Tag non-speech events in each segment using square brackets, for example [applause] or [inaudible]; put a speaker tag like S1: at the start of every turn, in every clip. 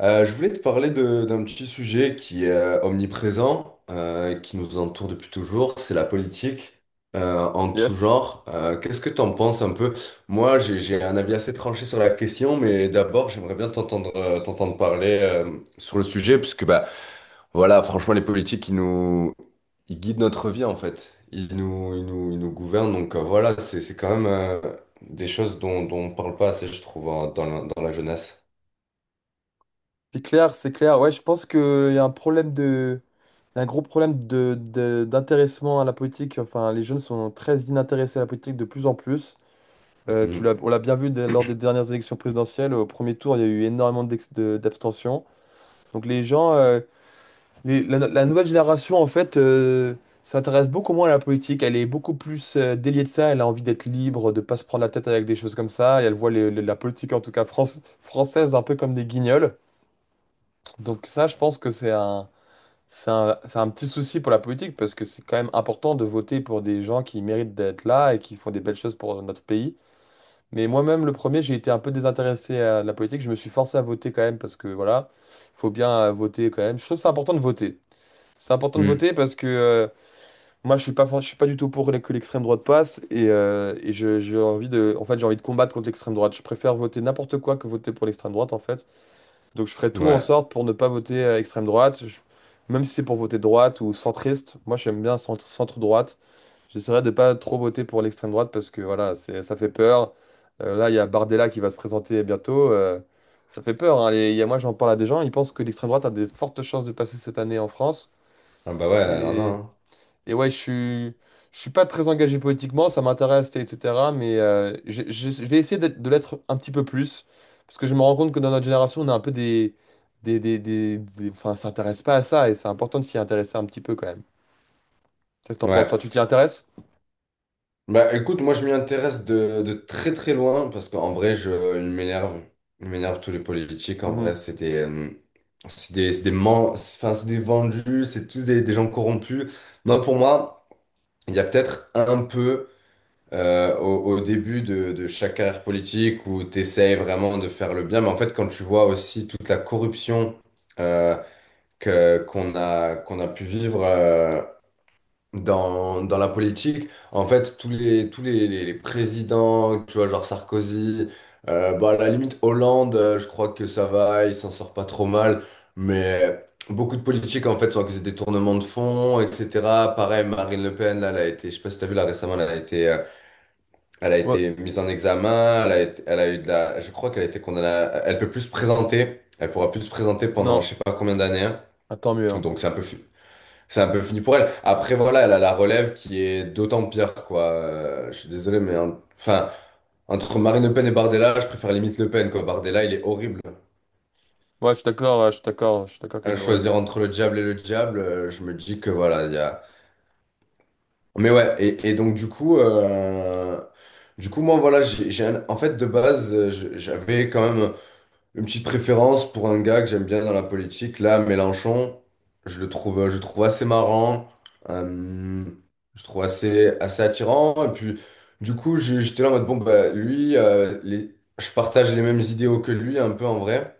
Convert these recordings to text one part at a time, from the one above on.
S1: Je voulais te parler d'un petit sujet qui est omniprésent, qui nous entoure depuis toujours, c'est la politique en tout
S2: Yes.
S1: genre. Qu'est-ce que t'en penses un peu? Moi, j'ai un avis assez tranché sur la question, mais d'abord, j'aimerais bien t'entendre t'entendre parler sur le sujet, puisque bah, voilà, franchement, les politiques, ils guident notre vie en fait. Ils nous gouvernent. Donc voilà, c'est quand même des choses dont on parle pas assez, je trouve, dans dans la jeunesse.
S2: C'est clair, c'est clair. Ouais, je pense qu'il y a un problème de... un gros problème d'intéressement à la politique. Enfin, les jeunes sont très inintéressés à la politique de plus en plus.
S1: Mm.
S2: On l'a bien vu lors des dernières élections présidentielles. Au premier tour, il y a eu énormément d'abstention. Donc les gens, la nouvelle génération, en fait, s'intéresse beaucoup moins à la politique. Elle est beaucoup plus déliée de ça. Elle a envie d'être libre, de pas se prendre la tête avec des choses comme ça. Et elle voit la politique, en tout cas France, française, un peu comme des guignols. Donc ça, je pense que c'est un petit souci pour la politique parce que c'est quand même important de voter pour des gens qui méritent d'être là et qui font des belles choses pour notre pays. Mais moi-même, le premier, j'ai été un peu désintéressé à la politique. Je me suis forcé à voter quand même parce que voilà, il faut bien voter quand même. Je trouve que c'est important de voter. C'est important de
S1: Mm.
S2: voter parce que moi, je suis pas du tout pour que l'extrême droite passe et j'ai envie de, en fait, j'ai envie de combattre contre l'extrême droite. Je préfère voter n'importe quoi que voter pour l'extrême droite, en fait. Donc je ferai tout en
S1: Ouais.
S2: sorte pour ne pas voter extrême droite. Je- Même si c'est pour voter droite ou centriste, moi j'aime bien centre, centre-droite. J'essaierai de pas trop voter pour l'extrême droite parce que voilà, c'est, ça fait peur. Là, il y a Bardella qui va se présenter bientôt. Ça fait peur. Hein. Il y a, moi, j'en parle à des gens, ils pensent que l'extrême droite a des fortes chances de passer cette année en France.
S1: Ah bah ouais, alors
S2: Et
S1: non.
S2: et ouais, je suis pas très engagé politiquement, ça m'intéresse, etc. Mais je vais essayer de l'être un petit peu plus. Parce que je me rends compte que dans notre génération, on a un peu des. Enfin, ça s'intéresse pas à ça et c'est important de s'y intéresser un petit peu quand même. Qu'est-ce que t'en penses? Toi, tu
S1: Ouais.
S2: t'y intéresses?
S1: Bah écoute, moi je m'y intéresse de très très loin parce qu'en vrai, je, ils m'énerve. Ils m'énerve tous les politiques. En vrai,
S2: Mhm.
S1: c'est des, c'est des, c'est des, men- enfin, c'est des vendus, c'est tous des gens corrompus. Non, pour moi, il y a peut-être un peu au début de chaque carrière politique où tu essayes vraiment de faire le bien. Mais en fait, quand tu vois aussi toute la corruption euh, qu'on a, qu'on a pu vivre. Dans la politique, en fait, les présidents, tu vois, genre Sarkozy, bah, à la limite Hollande, je crois que ça va, il s'en sort pas trop mal, mais beaucoup de politiques, en fait, sont accusés de détournement de fonds, etc. Pareil, Marine Le Pen, là, elle a été, je sais pas si t'as vu, là, récemment, elle a
S2: Ouais.
S1: été mise en examen, elle a eu de la, je crois qu'elle a été condamnée, elle peut plus se présenter, elle pourra plus se présenter pendant
S2: Non.
S1: je sais pas combien d'années, hein.
S2: Ah, tant mieux, hein.
S1: Donc c'est un peu, c'est un peu fini pour elle. Après, voilà, elle a la relève qui est d'autant pire, quoi. Je suis désolé, mais enfin, entre Marine Le Pen et Bardella, je préfère limite Le Pen, quoi. Bardella, il est horrible.
S2: Ouais, je suis d'accord, je suis d'accord qu'elle
S1: À
S2: est horrible.
S1: choisir entre le diable et le diable, je me dis que voilà, il y a. Mais ouais, et donc du coup, moi, voilà, en fait, de base, je- j'avais quand même. Une petite préférence pour un gars que j'aime bien dans la politique. Là, Mélenchon, je le trouve assez marrant. euh, je le trouve assez attirant. Et puis, du coup, j'ai- j'étais là en mode, bon, bah, lui, je partage les mêmes idéaux que lui, un peu en vrai.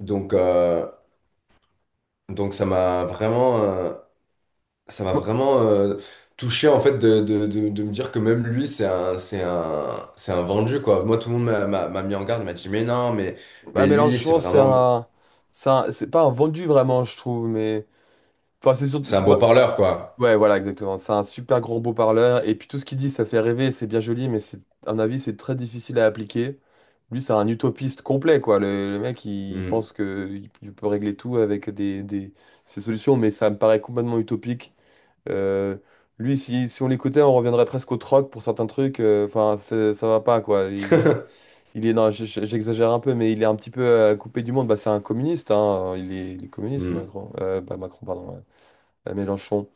S1: Donc, euh, donc ça m'a
S2: Moi-
S1: vraiment touché, en fait, de me dire que même lui, c'est un vendu, quoi. Moi, tout le monde m'a mis en garde, m'a dit, mais non, mais.
S2: Bah,
S1: Mais lui, c'est
S2: Mélenchon, c'est
S1: vraiment.
S2: un. C'est pas un vendu vraiment, je trouve, mais. Enfin, c'est surtout.
S1: C'est un beau
S2: Bah,
S1: parleur, quoi.
S2: ouais, voilà, exactement. C'est un super gros beau parleur. Et puis tout ce qu'il dit, ça fait rêver, c'est bien joli, mais c'est, à mon avis, c'est très difficile à appliquer. Lui, c'est un utopiste complet, quoi. Le mec,
S1: Hmm.
S2: pense que il peut régler tout avec des, ses solutions, mais ça me paraît complètement utopique. Euh, lui, si on l'écoutait, on reviendrait presque au troc pour certains trucs. Enfin, ça va pas, quoi.
S1: [laughs]
S2: Il est, non, j'exagère un peu, mais il est un petit peu coupé du monde. Bah, c'est un communiste, hein. Il est communiste,
S1: Hmm.
S2: Macron. Bah, Macron, pardon. Ouais, à Mélenchon.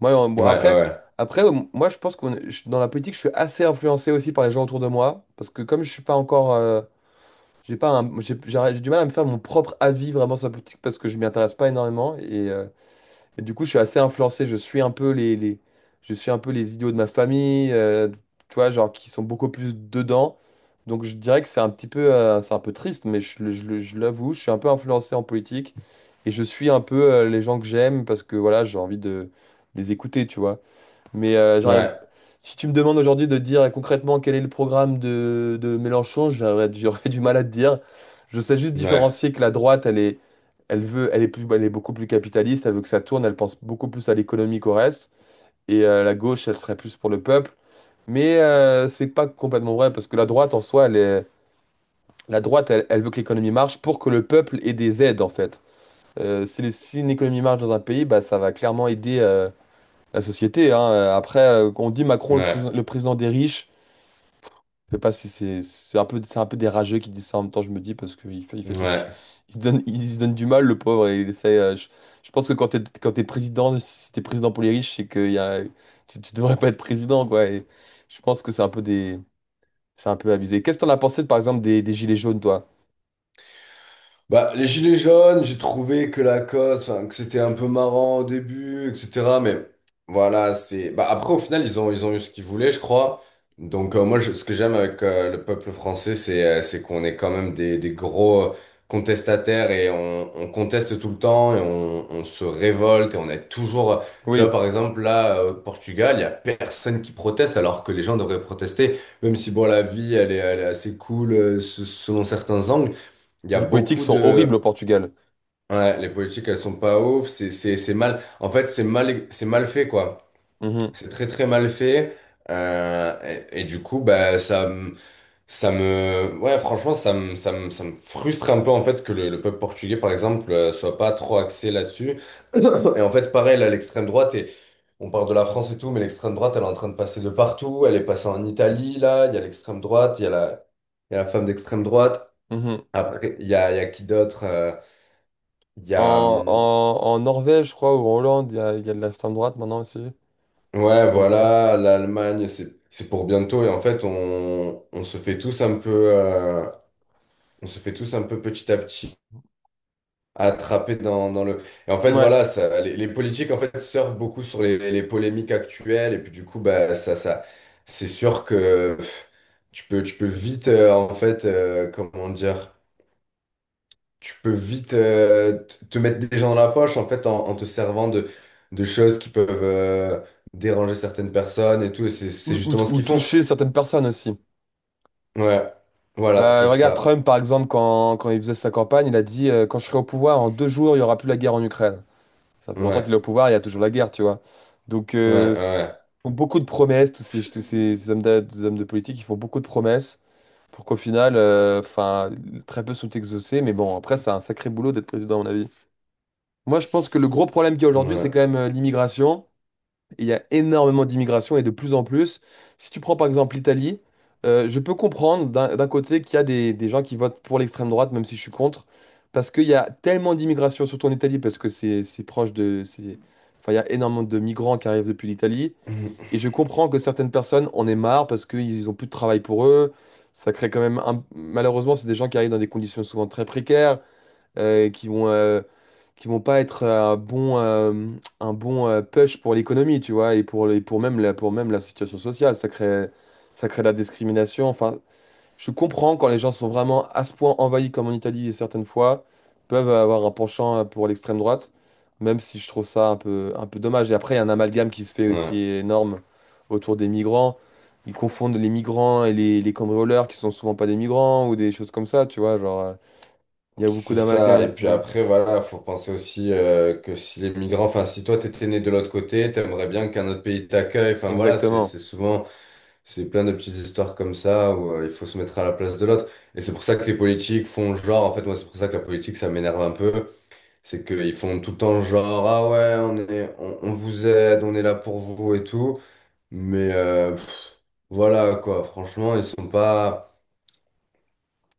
S2: Moi, en- bon,
S1: Ouais,
S2: après,
S1: ouais,
S2: après, moi, je pense qu'on, est- je- dans la politique, je suis assez influencé aussi par les gens autour de moi, parce que comme je suis pas encore, j'ai pas, j'ai du mal à me faire mon propre avis vraiment sur la politique parce que je m'y intéresse pas énormément et du coup, je suis assez influencé. Je suis un peu les idiots de ma famille, tu vois, genre qui sont beaucoup plus dedans. Donc, je dirais que c'est un petit peu, c'est un peu triste, mais je l'avoue, je suis un peu influencé en politique et je suis un peu les gens que j'aime parce que voilà, j'ai envie de les écouter, tu vois. Mais j'arrive.
S1: ouais,
S2: Si tu me demandes aujourd'hui de dire concrètement quel est le programme de Mélenchon, j'aurais du mal à te dire. Je sais juste
S1: ouais,
S2: différencier que la droite, elle est, elle veut, elle est plus, elle est beaucoup plus capitaliste, elle veut que ça tourne, elle pense beaucoup plus à l'économie qu'au reste. Et la gauche, elle serait plus pour le peuple. Mais c'est pas complètement vrai, parce que la droite, elle, elle veut que l'économie marche pour que le peuple ait des aides, en fait. Si, si une économie marche dans un pays, bah, ça va clairement aider. La société. Hein. Après, quand on dit Macron le,
S1: ouais,
S2: président le président des riches, je sais pas si c'est un peu, c'est un peu des rageux qui disent ça en même temps, je me dis, parce il fait tout
S1: ouais.
S2: il se donne du mal, le pauvre. Et il essaie, je pense que quand t'es président, si t'es président pour les riches, c'est que tu devrais pas être président, quoi. Et je pense que c'est un peu abusé. Qu'est-ce que t'en as pensé, par exemple, des gilets jaunes, toi?
S1: Bah, les gilets jaunes, j'ai trouvé que la cause, enfin, que c'était un peu marrant au début, etc. Mais voilà, c'est. Bah, après, au final, ils ont eu ce qu'ils voulaient, je crois. Donc, moi, je- ce que j'aime avec le peuple français, c'est qu'on est quand même des gros contestataires et on conteste tout le temps et on se révolte et on est toujours. Tu vois,
S2: Oui,
S1: par exemple, là, au Portugal, il y a personne qui proteste alors que les gens devraient protester, même si, bon, la vie, elle est assez cool euh, selon certains angles. Il y a
S2: les politiques
S1: beaucoup
S2: sont horribles
S1: de...
S2: au Portugal.
S1: Ouais, les politiques, elles sont pas ouf, c'est mal... En fait, c'est mal fait, quoi.
S2: Mhm,
S1: C'est très, très mal fait. Euh, et du coup, bah, ça me... Ouais, franchement, ça me frustre un peu, en fait, que le peuple portugais, par exemple, soit pas trop axé là-dessus. Et en fait, pareil, là, l'extrême droite, et on parle de la France et tout, mais l'extrême droite, elle est en train de passer de partout. Elle est passée en Italie, là, il y a l'extrême droite, il y a la femme d'extrême droite.
S2: mhm.
S1: Après, il y a qui d'autre? Il y a,
S2: En, en, en Norvège, je crois, ou en Hollande, il y a de l'extrême droite maintenant aussi. Si je me
S1: ouais,
S2: trompe pas.
S1: voilà, l'Allemagne, c'est pour bientôt. Et en fait, on se fait tous un peu, on se fait tous un peu petit à petit attraper dans, dans le. Et en fait,
S2: Ouais.
S1: voilà, ça, les politiques, en fait, surfent beaucoup sur les polémiques actuelles. Et puis, du coup, bah, ça, c'est sûr que pff, tu peux vite, en fait, comment dire. Tu peux vite t- te mettre des gens dans la poche en fait en te
S2: Ou,
S1: servant de choses qui peuvent déranger certaines personnes et tout et c'est justement ce
S2: ou
S1: qu'ils font.
S2: toucher certaines personnes aussi.
S1: Ouais, voilà, c'est
S2: Bah, regarde,
S1: ça.
S2: Trump, par exemple, quand il faisait sa campagne, il a dit quand je serai au pouvoir, en deux jours, il n'y aura plus la guerre en Ukraine. Ça fait longtemps qu'il
S1: Ouais,
S2: est au pouvoir, il y a toujours la guerre, tu vois. Donc,
S1: ouais, ouais,
S2: ils font beaucoup de promesses, tous ces des hommes de politique, ils font beaucoup de promesses pour qu'au final, enfin, très peu sont exaucés. Mais bon, après, c'est un sacré boulot d'être président, à mon avis. Moi, je pense que le gros problème qu'il y a aujourd'hui, c'est quand
S1: ouais.
S2: même l'immigration. Il y a énormément d'immigration et de plus en plus. Si tu prends par exemple l'Italie, je peux comprendre d'un côté qu'il y a des gens qui votent pour l'extrême droite, même si je suis contre, parce qu'il y a tellement d'immigration, surtout en Italie, parce que c'est proche de... c'est- Enfin, il y a énormément de migrants qui arrivent depuis l'Italie. Et je comprends que certaines personnes en aient marre parce qu'ils ont plus de travail pour eux. Ça crée quand même un- Malheureusement, c'est des gens qui arrivent dans des conditions souvent très précaires euh, qui vont, euh, qui vont pas être un bon push pour l'économie, tu vois, et pour, pour même pour même la situation sociale. Ça crée de la discrimination. Enfin, je comprends quand les gens sont vraiment à ce point envahis comme en Italie, et certaines fois, peuvent avoir un penchant pour l'extrême droite, même si je trouve ça un peu dommage. Et après, il y a un amalgame qui se
S1: [clears throat]
S2: fait aussi
S1: Ouais,
S2: énorme autour des migrants. Ils confondent les migrants et les cambrioleurs qui sont souvent pas des migrants ou des choses comme ça, tu vois, genre, il y a beaucoup
S1: c'est ça.
S2: d'amalgame.
S1: Et puis après, voilà, faut penser aussi que si les migrants, enfin, si toi, t'étais né de l'autre côté, t'aimerais bien qu'un autre pays t'accueille. Enfin, voilà,
S2: Exactement.
S1: c'est souvent. C'est plein de petites histoires comme ça où il faut se mettre à la place de l'autre. Et c'est pour ça que les politiques font genre, en fait, moi, c'est pour ça que la politique, ça m'énerve un peu. C'est qu'ils font tout le temps genre, ah ouais, on vous aide, on est là pour vous et tout. Mais pff, voilà, quoi, franchement, ils sont pas.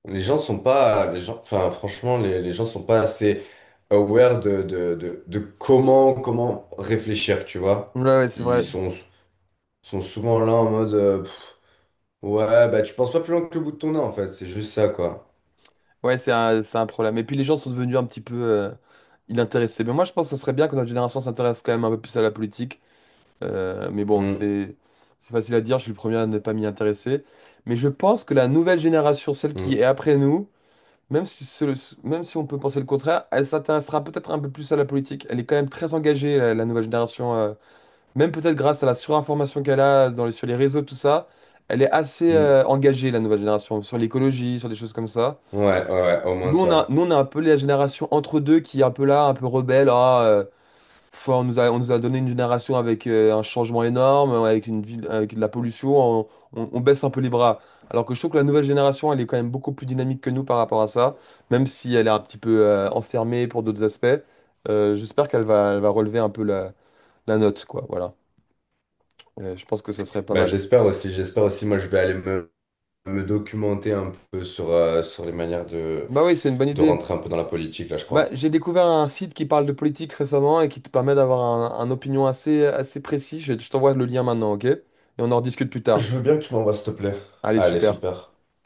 S1: Les gens sont pas. Les gens, enfin, franchement, les gens sont pas assez aware de comment, comment réfléchir, tu vois.
S2: Ouais, ouais, c'est
S1: Ils
S2: vrai.
S1: sont, sont souvent là en mode. Pff, Ouais, bah tu penses pas plus loin que le bout de ton nez en fait, c'est juste ça quoi.
S2: Ouais, c'est un problème. Et puis les gens sont devenus un petit peu inintéressés. Mais moi, je pense que ce serait bien que notre génération s'intéresse quand même un peu plus à la politique. Mais bon,
S1: Mm,
S2: c'est facile à dire, je suis le premier à ne pas m'y intéresser. Mais je pense que la nouvelle génération, celle qui
S1: mm,
S2: est après nous, même si, même si on peut penser le contraire, elle s'intéressera peut-être un peu plus à la politique. Elle est quand même très engagée, la nouvelle génération Même peut-être grâce à la surinformation qu'elle a dans sur les réseaux, tout ça, elle est assez
S1: mm.
S2: engagée, la nouvelle génération, sur l'écologie, sur des choses comme ça.
S1: Ouais, ouais, ouais, au moins ça.
S2: Nous, on a un peu la génération entre deux qui est un peu là, un peu rebelle. Ah, on nous a donné une génération avec un changement énorme, avec une ville, avec de la pollution, on baisse un peu les bras. Alors que je trouve que la nouvelle génération, elle est quand même beaucoup plus dynamique que nous par rapport à ça, même si elle est un petit peu enfermée pour d'autres aspects. J'espère elle va relever un peu la, la note, quoi. Voilà. Je pense que ça serait pas
S1: Bah
S2: mal.
S1: j'espère aussi, moi je vais aller me, me documenter un peu sur, sur les manières
S2: Bah oui, c'est une bonne
S1: de
S2: idée.
S1: rentrer un peu dans la politique là, je
S2: Bah,
S1: crois.
S2: j'ai découvert un site qui parle de politique récemment et qui te permet d'avoir un opinion assez précis. Je t'envoie le lien maintenant, ok? Et on en rediscute plus tard.
S1: Je veux bien que tu m'envoies s'il te plaît.
S2: Allez,
S1: Allez,
S2: super.
S1: super.